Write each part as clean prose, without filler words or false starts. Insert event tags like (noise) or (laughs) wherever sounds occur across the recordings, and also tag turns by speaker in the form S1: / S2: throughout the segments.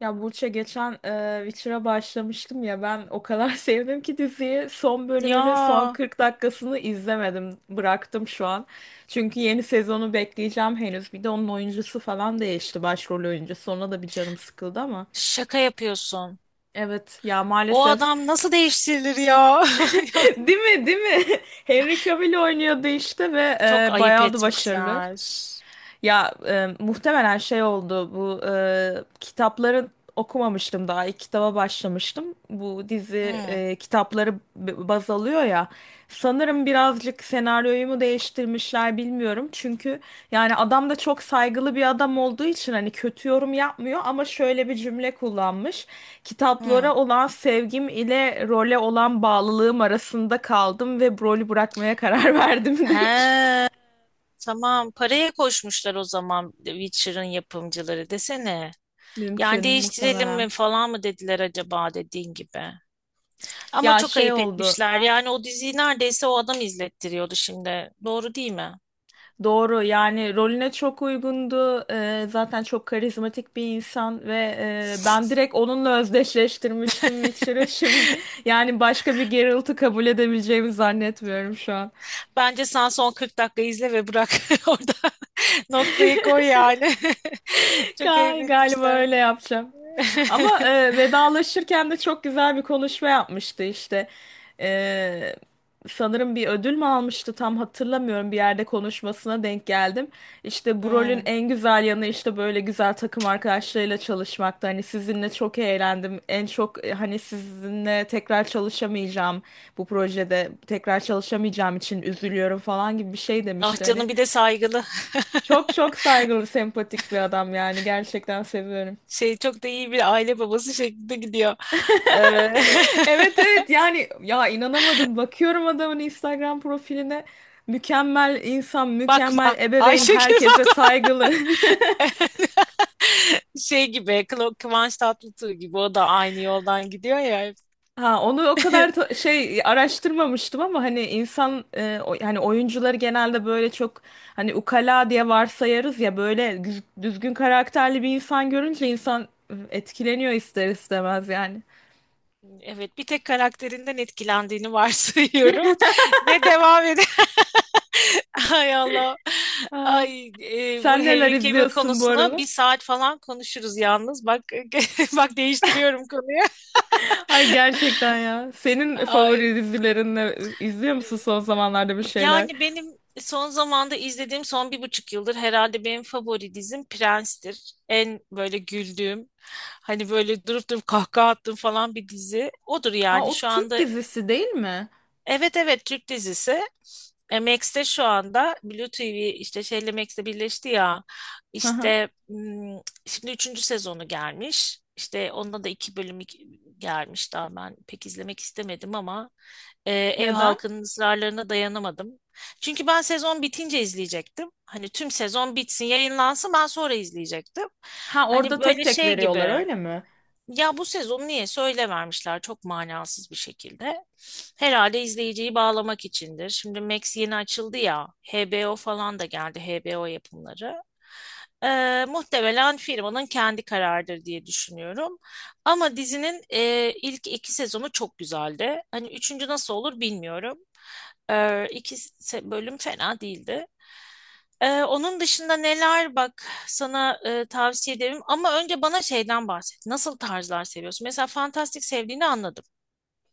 S1: Ya Burç'a geçen Witcher'a başlamıştım ya ben o kadar (laughs) sevdim ki diziyi son bölümünü son
S2: Ya
S1: 40 dakikasını izlemedim bıraktım şu an. Çünkü yeni sezonu bekleyeceğim henüz bir de onun oyuncusu falan değişti başrol oyuncusu ona da bir canım sıkıldı ama.
S2: şaka yapıyorsun.
S1: Evet ya
S2: O
S1: maalesef.
S2: adam nasıl değiştirilir ya? (laughs)
S1: (laughs)
S2: Yani
S1: Değil mi, değil mi? (laughs) Henry Cavill oynuyordu işte ve
S2: çok ayıp
S1: bayağı da başarılı.
S2: etmişler.
S1: Ya muhtemelen şey oldu bu kitapları okumamıştım daha ilk kitaba başlamıştım. Bu dizi
S2: Hı
S1: kitapları baz alıyor ya. Sanırım birazcık senaryoyu mu değiştirmişler bilmiyorum. Çünkü yani adam da çok saygılı bir adam olduğu için hani kötü yorum yapmıyor ama şöyle bir cümle kullanmış.
S2: hı.
S1: Kitaplara olan sevgim ile role olan bağlılığım arasında kaldım ve rolü bırakmaya karar (laughs) verdim
S2: He,
S1: demiş.
S2: tamam. Paraya koşmuşlar o zaman Witcher'ın yapımcıları desene. Yani
S1: Mümkün,
S2: değiştirelim
S1: muhtemelen.
S2: mi falan mı dediler acaba dediğin gibi. Ama
S1: Ya
S2: çok
S1: şey
S2: ayıp
S1: oldu.
S2: etmişler. Yani o diziyi neredeyse o adam izlettiriyordu şimdi. Doğru değil mi?
S1: Doğru yani rolüne çok uygundu. Zaten çok karizmatik bir insan ve ben direkt onunla özdeşleştirmiştim Witcher'ı. Şimdi yani başka bir Geralt'ı kabul edebileceğimi zannetmiyorum şu an.
S2: Bence sen son 40 dakika izle ve bırak (laughs) orada. Noktayı koy yani. (laughs) Çok ayıp
S1: Galiba
S2: etmişler.
S1: öyle yapacağım.
S2: (laughs)
S1: Ama vedalaşırken de çok güzel bir konuşma yapmıştı işte. E, Sanırım bir ödül mü almıştı tam hatırlamıyorum, bir yerde konuşmasına denk geldim. İşte bu rolün
S2: Hmm.
S1: en güzel yanı işte böyle güzel takım arkadaşlarıyla çalışmakta. Hani sizinle çok eğlendim. En çok hani sizinle tekrar çalışamayacağım bu projede tekrar çalışamayacağım için üzülüyorum falan gibi bir şey
S2: Ah
S1: demişti hani.
S2: canım bir de saygılı.
S1: Çok çok saygılı, sempatik bir adam yani gerçekten seviyorum.
S2: Şey çok da iyi bir aile babası şeklinde gidiyor. Ee,
S1: Evet evet, yani ya inanamadım, bakıyorum adamın Instagram profiline, mükemmel insan,
S2: (laughs)
S1: mükemmel
S2: bakma.
S1: ebeveyn,
S2: Ayşegül
S1: herkese
S2: bakma.
S1: saygılı. (laughs)
S2: (laughs) Şey gibi Kıvanç Tatlıtuğ gibi o da aynı yoldan gidiyor ya.
S1: Ha onu o
S2: Hep.
S1: kadar
S2: (laughs)
S1: şey araştırmamıştım ama hani insan hani oyuncuları genelde böyle çok hani ukala diye varsayarız ya, böyle düzgün karakterli bir insan görünce insan etkileniyor ister istemez yani.
S2: Evet, bir tek karakterinden etkilendiğini varsayıyorum (laughs) ve devam ede. (laughs) Ay Allah.
S1: Ha,
S2: Ay bu
S1: sen neler
S2: Henry Cavill
S1: izliyorsun bu
S2: konusunu
S1: aralar?
S2: bir saat falan konuşuruz yalnız. Bak (laughs) bak değiştiriyorum konuyu.
S1: Ay gerçekten ya. Senin
S2: Ay.
S1: favori dizilerin ne? İzliyor musun son zamanlarda bir şeyler?
S2: Yani benim son zamanda izlediğim son bir buçuk yıldır herhalde benim favori dizim Prens'tir. En böyle güldüğüm, hani böyle durup durup kahkaha attığım falan bir dizi. Odur
S1: Aa,
S2: yani
S1: o
S2: şu
S1: Türk
S2: anda.
S1: dizisi değil mi?
S2: Evet evet, Türk dizisi. E, Max'te şu anda Blue TV, işte şeyle Max'le birleşti ya.
S1: Hı hı.
S2: İşte hmm, şimdi üçüncü sezonu gelmiş. İşte onda da iki bölüm gelmiş, daha ben pek izlemek istemedim ama ev
S1: Neden?
S2: halkının ısrarlarına dayanamadım. Çünkü ben sezon bitince izleyecektim. Hani tüm sezon bitsin, yayınlansın, ben sonra izleyecektim.
S1: Ha
S2: Hani
S1: orada tek
S2: böyle
S1: tek
S2: şey
S1: veriyorlar,
S2: gibi.
S1: öyle mi?
S2: Ya bu sezon niye söyle vermişler, çok manasız bir şekilde. Herhalde izleyiciyi bağlamak içindir. Şimdi Max yeni açıldı ya. HBO falan da geldi, HBO yapımları. Muhtemelen firmanın kendi kararıdır diye düşünüyorum. Ama dizinin ilk iki sezonu çok güzeldi. Hani üçüncü nasıl olur bilmiyorum. İki bölüm fena değildi. Onun dışında neler, bak sana tavsiye ederim ama önce bana şeyden bahset. Nasıl tarzlar seviyorsun? Mesela fantastik sevdiğini anladım.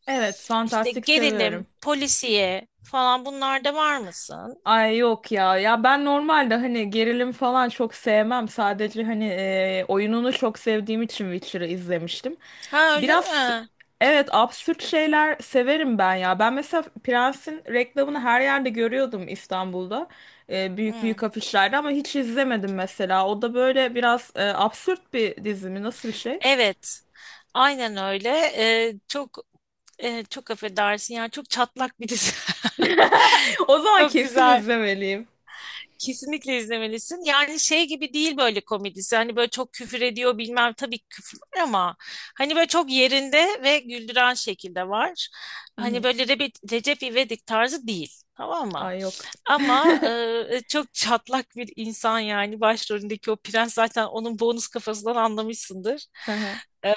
S1: Evet,
S2: İşte
S1: fantastik seviyorum.
S2: gerilim, polisiye falan, bunlarda var mısın?
S1: Ay yok ya. Ya ben normalde hani gerilim falan çok sevmem. Sadece hani oyununu çok sevdiğim için Witcher'ı izlemiştim.
S2: Ha öyle
S1: Biraz,
S2: mi?
S1: evet, absürt şeyler severim ben ya. Ben mesela Prens'in reklamını her yerde görüyordum İstanbul'da. E, büyük
S2: Hı.
S1: büyük afişlerde ama hiç izlemedim mesela. O da böyle biraz absürt bir dizi mi? Nasıl bir şey?
S2: Evet. Aynen öyle. Ee, çok çok affedersin, yani çok çatlak bir dizi. (laughs)
S1: (laughs) O zaman
S2: Çok
S1: kesin
S2: güzel.
S1: izlemeliyim.
S2: Kesinlikle izlemelisin. Yani şey gibi değil böyle komedisi. Hani böyle çok küfür ediyor bilmem, tabii küfür var ama hani böyle çok yerinde ve güldüren şekilde var.
S1: Hı
S2: Hani
S1: hı.
S2: böyle Recep İvedik tarzı değil. Tamam mı?
S1: Ay yok.
S2: Ama
S1: (laughs)
S2: çok çatlak bir insan yani başrolündeki o prens, zaten onun bonus kafasından anlamışsındır.
S1: Hı hı.
S2: E,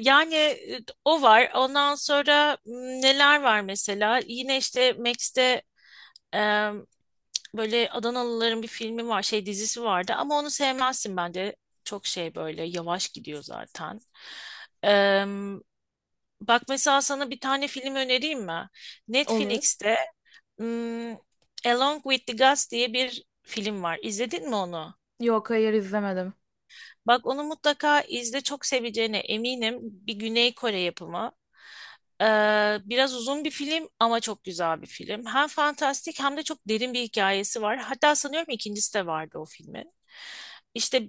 S2: yani o var. Ondan sonra neler var mesela? Yine işte Max'te böyle Adanalıların bir filmi var, şey dizisi vardı ama onu sevmezsin bence. Çok şey, böyle yavaş gidiyor zaten. Eee, Bak mesela sana bir tane film önereyim mi?
S1: Olur.
S2: Netflix'te hmm, Along with the Gods diye bir film var. İzledin mi onu?
S1: Yok, hayır, izlemedim.
S2: Bak onu mutlaka izle, çok seveceğine eminim. Bir Güney Kore yapımı. Ee, Biraz uzun bir film ama çok güzel bir film. Hem fantastik hem de çok derin bir hikayesi var. Hatta sanıyorum ikincisi de vardı o filmin. İşte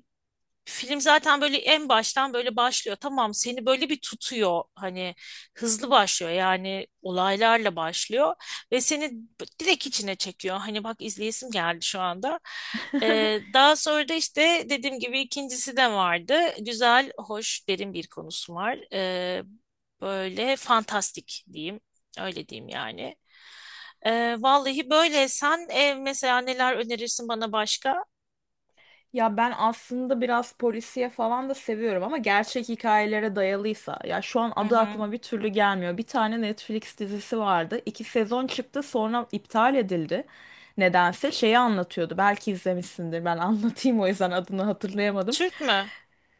S2: film zaten böyle en baştan böyle başlıyor. Tamam, seni böyle bir tutuyor. Hani hızlı başlıyor, yani olaylarla başlıyor ve seni direkt içine çekiyor. Hani bak, izleyesim geldi şu anda.
S1: (laughs)
S2: Daha sonra da işte dediğim gibi ikincisi de vardı. Güzel, hoş, derin bir konusu var. Böyle fantastik diyeyim. Öyle diyeyim yani. Vallahi böyle sen mesela neler önerirsin bana başka?
S1: Ya ben aslında biraz polisiye falan da seviyorum ama gerçek hikayelere dayalıysa. Ya şu an
S2: Hı
S1: adı
S2: hı.
S1: aklıma bir türlü gelmiyor. Bir tane Netflix dizisi vardı. İki sezon çıktı sonra iptal edildi. Nedense şeyi anlatıyordu. Belki izlemişsindir. Ben (laughs) anlatayım o yüzden adını hatırlayamadım.
S2: Türk mü?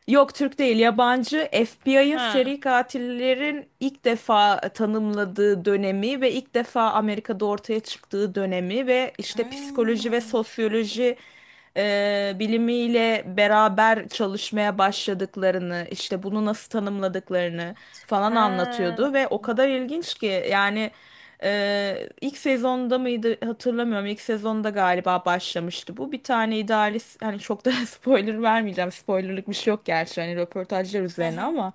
S1: Yok, Türk değil, yabancı. FBI'ın
S2: Ha.
S1: seri katillerin ilk defa tanımladığı dönemi ve ilk defa Amerika'da ortaya çıktığı dönemi ve işte psikoloji ve
S2: Hmm.
S1: sosyoloji bilimiyle beraber çalışmaya başladıklarını, işte bunu nasıl tanımladıklarını falan
S2: Ha.
S1: anlatıyordu ve o kadar ilginç ki yani. İlk sezonda mıydı hatırlamıyorum. İlk sezonda galiba başlamıştı bu. Bir tane idealist, hani çok da (laughs) spoiler vermeyeceğim. Spoilerlık bir şey yok gerçi, hani röportajlar
S2: Hı
S1: üzerine
S2: hı.
S1: ama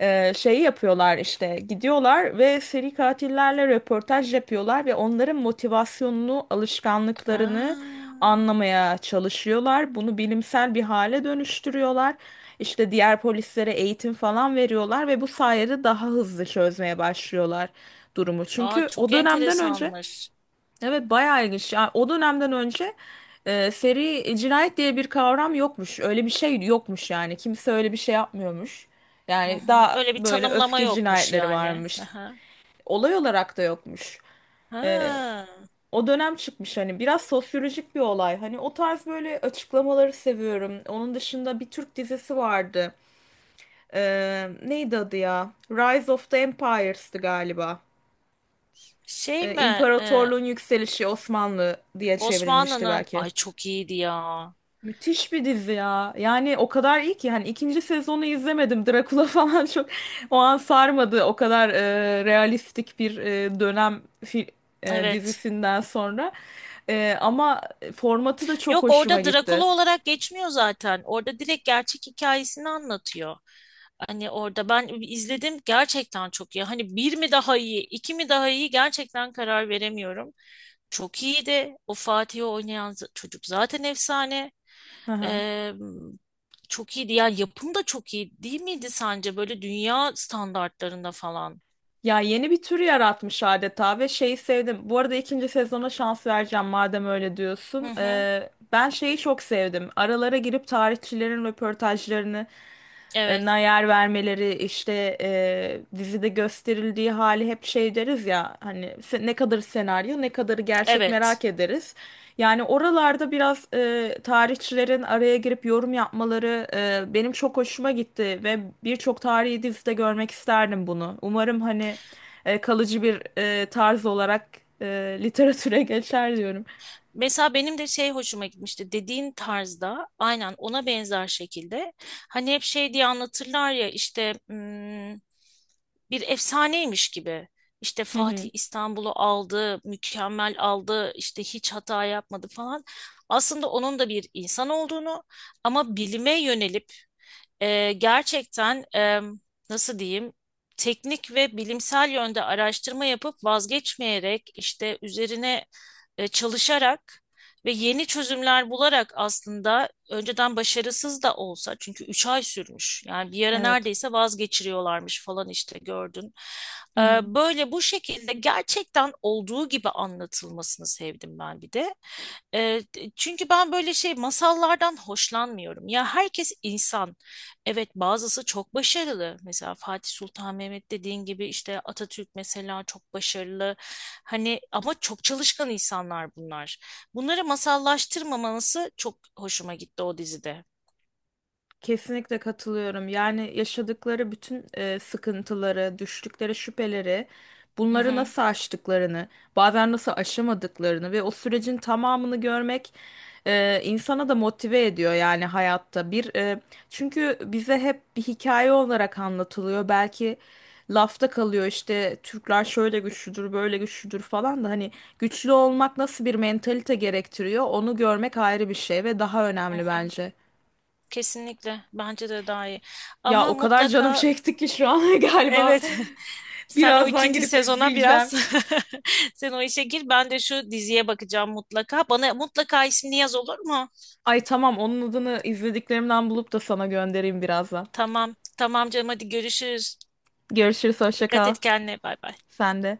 S1: şeyi yapıyorlar işte, gidiyorlar ve seri katillerle röportaj yapıyorlar ve onların motivasyonunu, alışkanlıklarını
S2: Ha.
S1: anlamaya çalışıyorlar. Bunu bilimsel bir hale dönüştürüyorlar. İşte diğer polislere eğitim falan veriyorlar ve bu sayede daha hızlı çözmeye başlıyorlar durumu.
S2: Aa,
S1: Çünkü o
S2: çok
S1: dönemden önce...
S2: enteresanmış.
S1: Evet bayağı ilginç. Ya o dönemden önce seri cinayet diye bir kavram yokmuş. Öyle bir şey yokmuş yani. Kimse öyle bir şey yapmıyormuş.
S2: Hı
S1: Yani
S2: hı.
S1: daha
S2: Öyle bir
S1: böyle
S2: tanımlama
S1: öfke
S2: yokmuş
S1: cinayetleri
S2: yani. Hı
S1: varmış.
S2: hı.
S1: Olay olarak da yokmuş. E,
S2: Ha.
S1: O dönem çıkmış hani, biraz sosyolojik bir olay. Hani o tarz böyle açıklamaları seviyorum. Onun dışında bir Türk dizisi vardı. E, neydi adı ya? Rise of the Empires'tı galiba.
S2: Şey
S1: E,
S2: mi?
S1: İmparatorluğun Yükselişi Osmanlı diye çevrilmişti
S2: Osmanlı'nın,
S1: belki.
S2: ay çok iyiydi ya.
S1: Müthiş bir dizi ya. Yani o kadar iyi ki hani ikinci sezonu izlemedim. Drakula falan çok (laughs) o an sarmadı. O kadar realistik bir dönem
S2: Evet.
S1: dizisinden sonra. E, ama formatı da çok
S2: Yok,
S1: hoşuma
S2: orada Drakula
S1: gitti.
S2: olarak geçmiyor zaten. Orada direkt gerçek hikayesini anlatıyor. Hani orada ben izledim, gerçekten çok iyi. Hani bir mi daha iyi, iki mi daha iyi, gerçekten karar veremiyorum. Çok iyiydi. O Fatih'i oynayan çocuk zaten efsane.
S1: (laughs)
S2: Ee, Çok iyiydi. Yani yapım da çok iyi değil miydi sence? Böyle dünya standartlarında falan.
S1: Ya yeni bir tür yaratmış adeta ve şeyi sevdim. Bu arada ikinci sezona şans vereceğim madem öyle
S2: Hı
S1: diyorsun.
S2: hı.
S1: Ben şeyi çok sevdim. Aralara girip tarihçilerin röportajlarını e, na
S2: Evet,
S1: yer vermeleri, işte dizide gösterildiği hali, hep şey deriz ya hani ne kadarı senaryo ne kadarı gerçek
S2: evet.
S1: merak ederiz. Yani oralarda biraz tarihçilerin araya girip yorum yapmaları benim çok hoşuma gitti ve birçok tarihi dizide görmek isterdim bunu. Umarım hani kalıcı bir tarz olarak e, literatüre (laughs) geçer diyorum.
S2: Mesela benim de şey hoşuma gitmişti, dediğin tarzda aynen ona benzer şekilde hani hep şey diye anlatırlar ya, işte hmm, bir efsaneymiş gibi işte
S1: Hı
S2: Fatih
S1: hı.
S2: İstanbul'u aldı, mükemmel aldı, işte hiç hata yapmadı falan. Aslında onun da bir insan olduğunu, ama bilime yönelip gerçekten nasıl diyeyim, teknik ve bilimsel yönde araştırma yapıp vazgeçmeyerek, işte üzerine çalışarak ve yeni çözümler bularak, aslında önceden başarısız da olsa, çünkü 3 ay sürmüş yani, bir ara
S1: Evet.
S2: neredeyse vazgeçiriyorlarmış falan, işte gördün.
S1: Hı
S2: E,
S1: hı.
S2: Böyle bu şekilde gerçekten olduğu gibi anlatılmasını sevdim ben bir de. E, Çünkü ben böyle şey masallardan hoşlanmıyorum. Ya herkes insan. Evet, bazısı çok başarılı. Mesela Fatih Sultan Mehmet, dediğin gibi işte Atatürk mesela çok başarılı. Hani ama çok çalışkan insanlar bunlar. Bunları masallaştırmaması çok hoşuma gitti o dizide.
S1: Kesinlikle katılıyorum. Yani yaşadıkları bütün sıkıntıları, düştükleri şüpheleri,
S2: Hı
S1: bunları
S2: hı.
S1: nasıl aştıklarını, bazen nasıl aşamadıklarını ve o sürecin tamamını görmek insana da motive ediyor yani hayatta. Çünkü bize hep bir hikaye olarak anlatılıyor. Belki lafta kalıyor, işte Türkler şöyle güçlüdür, böyle güçlüdür falan da, hani güçlü olmak nasıl bir mentalite gerektiriyor onu görmek ayrı bir şey ve daha
S2: Hı
S1: önemli
S2: hı.
S1: bence.
S2: Kesinlikle, bence de daha iyi.
S1: Ya
S2: Ama
S1: o kadar canım
S2: mutlaka
S1: çekti ki şu an (laughs) galiba
S2: evet. (laughs) Sen o
S1: birazdan
S2: ikinci
S1: girip
S2: sezona
S1: izleyeceğim.
S2: biraz (laughs) sen o işe gir. Ben de şu diziye bakacağım mutlaka. Bana mutlaka ismini yaz, olur mu?
S1: Ay tamam, onun adını izlediklerimden bulup da sana göndereyim birazdan.
S2: Tamam. Tamam canım, hadi görüşürüz.
S1: Görüşürüz, hoşça
S2: Dikkat
S1: kal.
S2: et kendine. Bay bay.
S1: Sen de.